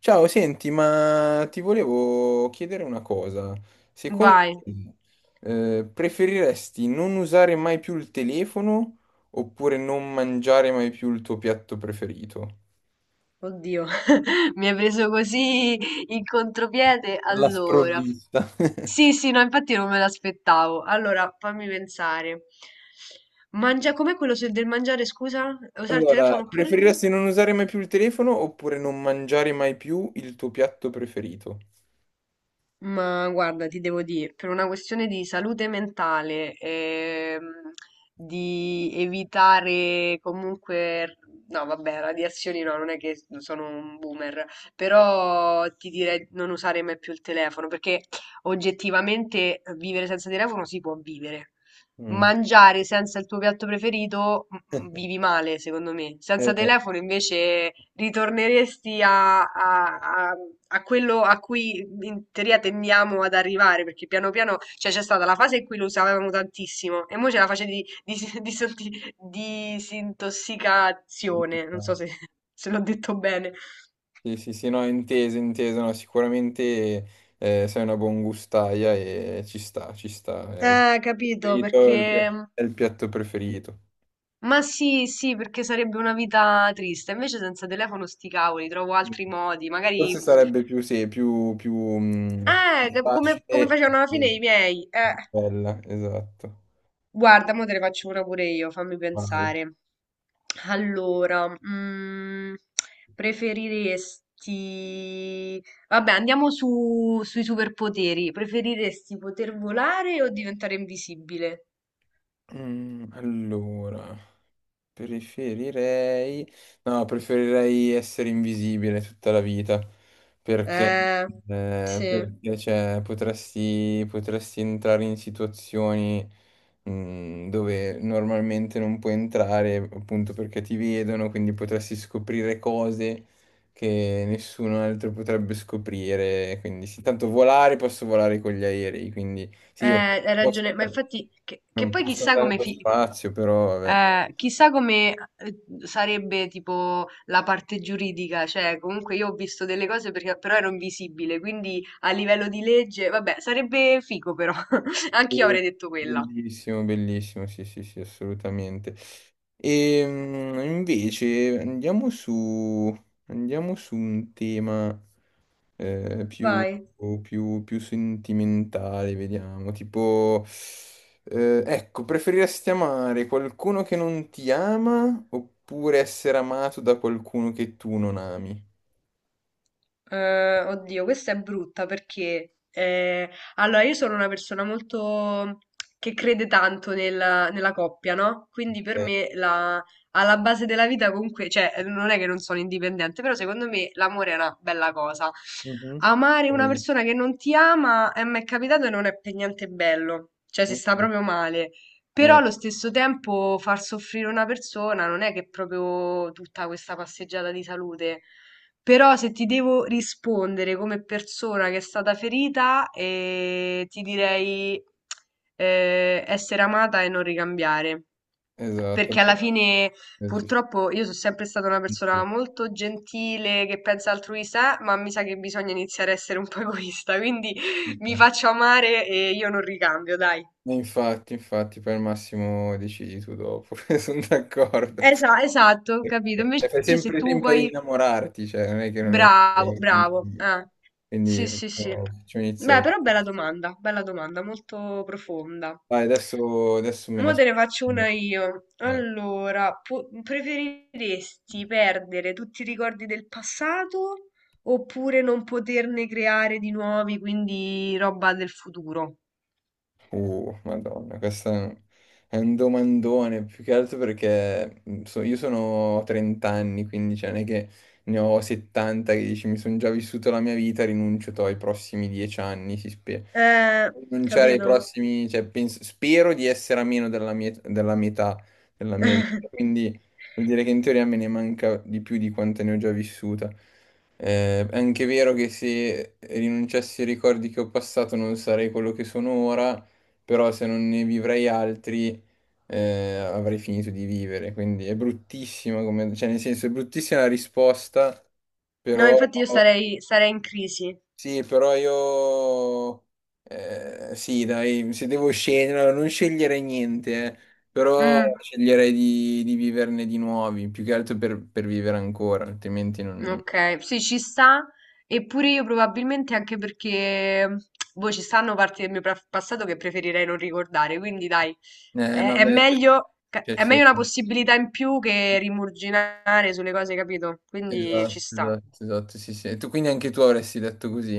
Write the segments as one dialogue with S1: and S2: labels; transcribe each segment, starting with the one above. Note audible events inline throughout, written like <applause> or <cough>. S1: Ciao, senti, ma ti volevo chiedere una cosa. Secondo
S2: Vai,
S1: te, preferiresti non usare mai più il telefono oppure non mangiare mai più il tuo piatto preferito?
S2: oddio, <laughs> mi hai preso così in contropiede.
S1: Alla
S2: Allora,
S1: sprovvista. <laughs>
S2: sì, sì, no, infatti non me l'aspettavo. Allora, fammi pensare. Mangia, com'è quello del mangiare, scusa? Usare il
S1: Allora,
S2: telefono oppure?
S1: preferiresti non usare mai più il telefono oppure non mangiare mai più il tuo piatto preferito?
S2: Ma guarda, ti devo dire, per una questione di salute mentale, di evitare comunque, no, vabbè, radiazioni no, non è che sono un boomer, però ti direi non usare mai più il telefono, perché oggettivamente vivere senza telefono si può vivere
S1: Mm.
S2: mangiare senza il tuo piatto preferito vivi male, secondo me. Senza
S1: Eh,
S2: telefono invece ritorneresti a- a quello a cui in teoria tendiamo ad arrivare, perché piano piano, cioè c'è stata la fase in cui lo usavamo tantissimo e ora c'è la fase <laughs> di disintossicazione, non so se, <laughs> se l'ho detto bene.
S1: Sì, sì, sì, no, inteso, inteso, no, sicuramente sei una buon gustaia e ci sta, ci sta. È il
S2: Capito,
S1: preferito, è
S2: perché...
S1: è il piatto preferito.
S2: Ma sì, sì, perché sarebbe una vita triste. Invece senza telefono sti cavoli, trovo altri modi. Magari...
S1: Forse sarebbe più, sì, più, più facile
S2: Come, come
S1: e
S2: facevano alla fine
S1: più
S2: i miei.
S1: bella, esatto.
S2: Guarda, mo te ne faccio una pure io, fammi
S1: Vai.
S2: pensare. Allora, preferiresti... Vabbè, andiamo su, sui superpoteri. Preferiresti poter volare o diventare invisibile?
S1: Mm, allora. Preferirei... No, preferirei essere invisibile tutta la vita, perché,
S2: Eh, sì.
S1: perché, cioè, potresti entrare in situazioni, mm, dove normalmente non puoi entrare, appunto perché ti vedono, quindi potresti scoprire cose che nessuno altro potrebbe scoprire. Quindi, sì, tanto volare, posso volare con gli aerei, quindi sì, ok,
S2: Hai
S1: posso
S2: ragione, ma
S1: andare-
S2: infatti, che
S1: non
S2: poi
S1: posso
S2: chissà
S1: andare
S2: come,
S1: allo spazio, però vabbè.
S2: Chissà come sarebbe tipo la parte giuridica, cioè comunque io ho visto delle cose perché però ero invisibile, quindi a livello di legge, vabbè, sarebbe figo però, <laughs> anch'io
S1: Sì,
S2: avrei detto quella.
S1: bellissimo, bellissimo, sì, sì, sì, assolutamente. E invece andiamo su un tema più,
S2: Vai.
S1: più sentimentale, vediamo, tipo, ecco, preferiresti amare qualcuno che non ti ama oppure essere amato da qualcuno che tu non ami?
S2: Oddio, questa è brutta perché allora io sono una persona molto che crede tanto nella coppia, no? Quindi per
S1: Ok.
S2: me la, alla base della vita comunque, cioè non è che non sono indipendente, però secondo me l'amore è una bella cosa.
S1: Mhm.
S2: Amare una
S1: Eh,
S2: persona che non ti ama mi è capitato e non è per niente bello, cioè si sta
S1: eh,
S2: proprio male. Però
S1: eh,
S2: allo stesso tempo far soffrire una persona non è che è proprio tutta questa passeggiata di salute. Però se ti devo rispondere come persona che è stata ferita, ti direi essere amata e non ricambiare.
S1: esatto.
S2: Perché
S1: Beh,
S2: alla fine,
S1: ci
S2: purtroppo, io sono sempre stata una persona molto gentile, che pensa altruista, ma mi sa che bisogna iniziare a essere un po' egoista. Quindi <laughs> mi
S1: sta.
S2: faccio amare e io non ricambio, dai.
S1: E infatti, infatti, poi al massimo decidi tu dopo, <laughs> sono d'accordo.
S2: Esatto, capito.
S1: E
S2: Invece
S1: fai
S2: se
S1: sempre
S2: tu
S1: tempo ad
S2: poi
S1: innamorarti, cioè non è che non è...
S2: bravo, bravo.
S1: Quindi
S2: Sì, sì, sì.
S1: facciamo, facciamo
S2: Beh,
S1: iniziare.
S2: però bella domanda, molto profonda.
S1: Vai, adesso, adesso me ne
S2: Mo te
S1: aspetto.
S2: ne faccio una io.
S1: Vai.
S2: Allora, preferiresti perdere tutti i ricordi del passato oppure non poterne creare di nuovi, quindi roba del futuro?
S1: Madonna, questo è un domandone, più che altro perché io sono 30 anni, quindi cioè, non è che ne ho 70 che dici mi sono già vissuto la mia vita, ai prossimi 10 anni, si spera.
S2: Eh,
S1: Rinunciare ai
S2: capito?
S1: prossimi, cioè, spero di essere a meno della metà della mia vita,
S2: <laughs>
S1: quindi vuol dire che in teoria me ne manca di più di quante ne ho già vissuta. È anche vero che se rinunciassi ai ricordi che ho passato non sarei quello che sono ora, però se non ne vivrei altri avrei finito di vivere, quindi è bruttissima come, cioè nel senso è bruttissima la risposta,
S2: No,
S1: però
S2: infatti sarei in crisi.
S1: sì, però io sì, dai, se devo scegliere, allora, non sceglierei niente, però
S2: Mm.
S1: sceglierei di viverne di nuovi, più che altro per vivere ancora, altrimenti non...
S2: Ok, sì, ci sta, eppure io probabilmente anche perché boh, ci stanno parti del mio passato che preferirei non ricordare, quindi dai,
S1: No,
S2: è
S1: beh,
S2: meglio,
S1: cioè,
S2: è meglio
S1: sì.
S2: una possibilità in più che rimurginare sulle cose, capito? Quindi ci
S1: Esatto,
S2: sta.
S1: esatto, esatto, sì, sì. E tu quindi anche tu avresti detto così?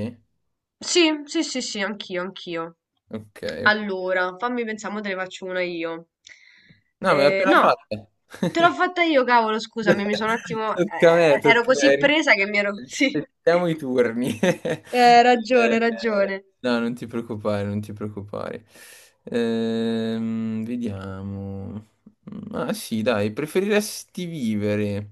S2: Sì, sì, sì, sì, anch'io, anch'io.
S1: Ok, ok.
S2: Allora, fammi pensare, mo te ne faccio una io.
S1: No, me l'ha appena
S2: No, te
S1: fatta.
S2: l'ho fatta io, cavolo, scusami, mi sono un
S1: <laughs>
S2: attimo...
S1: Tocca a me,
S2: ero
S1: tocca a
S2: così
S1: me.
S2: presa che mi ero... <laughs> Sì.
S1: Rispettiamo i turni. <laughs>
S2: Ragione,
S1: Eh,
S2: ragione.
S1: no, non ti preoccupare, non ti preoccupare. Vediamo. Ah sì, dai, preferiresti vivere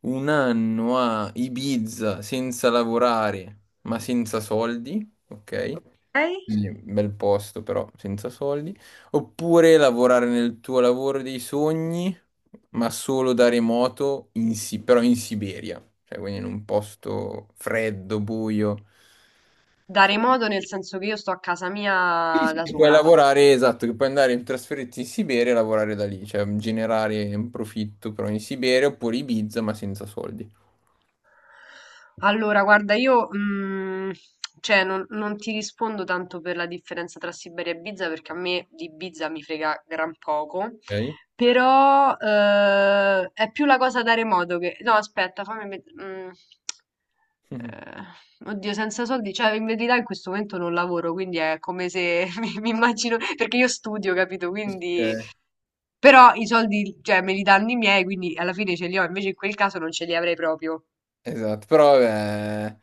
S1: un anno a Ibiza senza lavorare, ma senza soldi? Ok?
S2: Lei?
S1: Quindi, bel posto, però senza soldi. Oppure lavorare nel tuo lavoro dei sogni, ma solo da remoto, però in Siberia, cioè quindi in un posto freddo, buio. Cioè,
S2: Dare modo nel senso che io sto a casa
S1: sì,
S2: mia
S1: sì,
S2: da
S1: che puoi
S2: sola.
S1: lavorare, esatto, che puoi andare in trasferirti in Siberia e lavorare da lì, cioè generare un profitto però in Siberia oppure Ibiza ma senza soldi.
S2: Allora, guarda, io cioè, non ti rispondo tanto per la differenza tra Siberia e Ibiza perché a me di Ibiza mi frega gran poco,
S1: Ok?
S2: però è più la cosa dare modo che... No, aspetta, fammi...
S1: <laughs>
S2: eh, Oddio, senza soldi, cioè in verità in questo momento non lavoro, quindi è come se <laughs> mi immagino, perché io studio, capito? Quindi
S1: Ok.
S2: però i soldi, cioè me li danno i miei, quindi alla fine ce li ho, invece in quel caso non ce li avrei proprio.
S1: Esatto, però vabbè,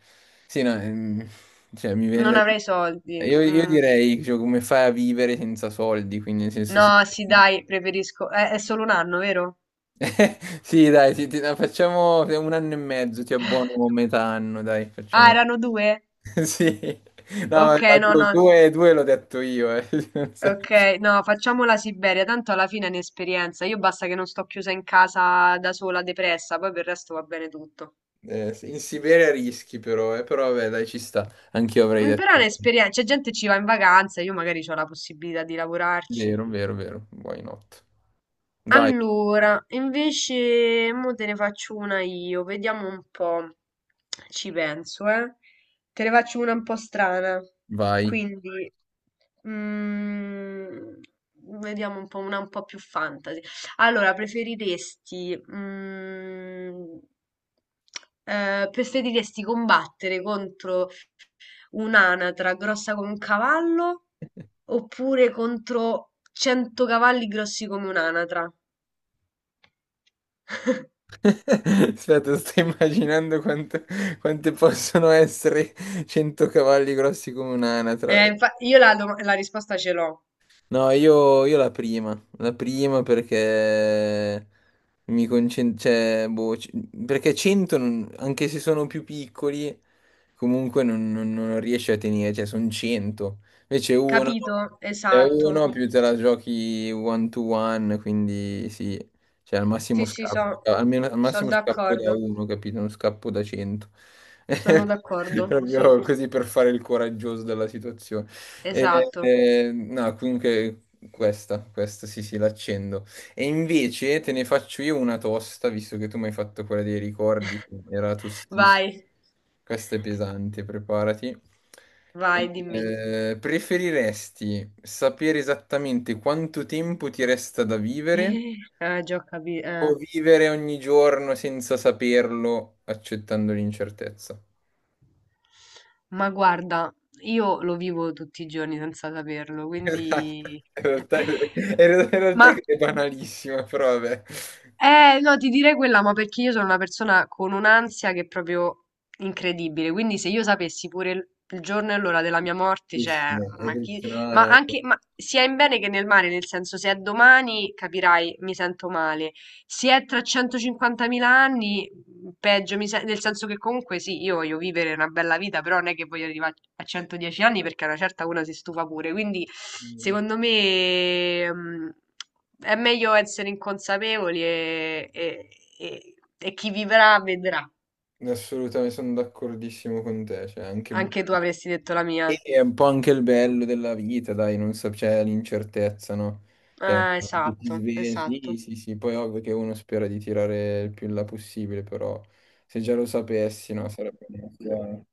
S1: sì, no, cioè, mi viene
S2: Non
S1: da dire...
S2: avrei soldi.
S1: Io,
S2: Mm.
S1: direi, cioè, come fai a vivere senza soldi, quindi nel senso sì,
S2: No, sì, dai, preferisco. È solo 1 anno, vero?
S1: <laughs> sì dai, sì, no, facciamo un anno e mezzo, ti abbuono
S2: <laughs>
S1: metà anno, dai,
S2: Ah,
S1: facciamo...
S2: erano due?
S1: <laughs> Sì, no, ma
S2: Ok, no,
S1: due,
S2: no.
S1: due l'ho detto io, eh. <laughs> Non so.
S2: Ok, no, facciamo la Siberia, tanto alla fine è un'esperienza. Io basta che non sto chiusa in casa da sola, depressa, poi per il resto va bene tutto.
S1: Sì, in Siberia rischi però, però vabbè, dai, ci sta, anch'io avrei
S2: Mm, però è
S1: detto...
S2: un'esperienza, c'è gente che ci va in vacanza, io magari ho la possibilità di lavorarci.
S1: Vero, vero, vero, why not? Vai,
S2: Allora, invece, mo te ne faccio una io, vediamo un po'. Ci penso, eh. Te ne faccio una un po' strana.
S1: vai.
S2: Quindi, mm, vediamo un po' una un po' più fantasy. Allora, preferiresti, preferiresti combattere contro un'anatra grossa come un cavallo oppure contro 100 cavalli grossi come un'anatra?
S1: <laughs> Aspetta, sto immaginando quante possono essere 100 cavalli grossi come un'anatra.
S2: Io la risposta ce l'ho.
S1: No, io la prima perché mi concentro, cioè, boh, perché 100, anche se sono più piccoli, comunque non riesci a tenere, cioè sono 100. Invece uno,
S2: Capito?
S1: è
S2: Esatto.
S1: uno più te la giochi one to one, quindi sì, cioè al massimo
S2: Sì, sì,
S1: scappo,
S2: so,
S1: almeno al
S2: sono
S1: massimo scappo da
S2: d'accordo.
S1: uno, capito? Non scappo da 100.
S2: Sono
S1: <laughs>
S2: d'accordo. Sì,
S1: Proprio così per fare il coraggioso della situazione.
S2: esatto.
S1: No, comunque questa, questa sì, sì, l'accendo. E invece te ne faccio io una tosta, visto che tu mi hai fatto quella dei ricordi, che era tostissima.
S2: Vai,
S1: Questa è pesante, preparati.
S2: vai, dimmi.
S1: Preferiresti sapere esattamente quanto tempo ti resta da vivere
S2: <laughs> Già ho
S1: o
S2: capito.
S1: vivere ogni giorno senza saperlo, accettando l'incertezza?
S2: Ma guarda, io lo vivo tutti i giorni senza saperlo,
S1: Esatto.
S2: quindi...
S1: In
S2: <laughs>
S1: realtà
S2: Ma
S1: è banalissima, però vabbè.
S2: eh, no, ti direi quella, ma perché io sono una persona con un'ansia che è proprio incredibile. Quindi se io sapessi pure il giorno e l'ora della mia morte, cioè,
S1: Bellissimo, è
S2: ma chi...
S1: bellissimo.
S2: Ma
S1: No,
S2: anche, ma sia in bene che nel male, nel senso, se è domani, capirai, mi sento male. Se è tra 150.000 anni, mm, peggio, nel senso che comunque sì, io voglio vivere una bella vita, però non è che voglio arrivare a 110 anni perché a una certa una si stufa pure. Quindi, secondo me, è meglio essere inconsapevoli e chi vivrà vedrà.
S1: no, assolutamente sono d'accordissimo con te. Cioè, anche...
S2: Anche tu avresti detto la
S1: E
S2: mia.
S1: è un po' anche il bello della vita, dai, non so, c'è l'incertezza, no? Cioè,
S2: Ah,
S1: che ti
S2: esatto,
S1: svegli,
S2: esatto.
S1: sì, sì, sì, poi ovvio che uno spera di tirare il più in là possibile, però se già lo sapessi, no, sarebbe... meglio.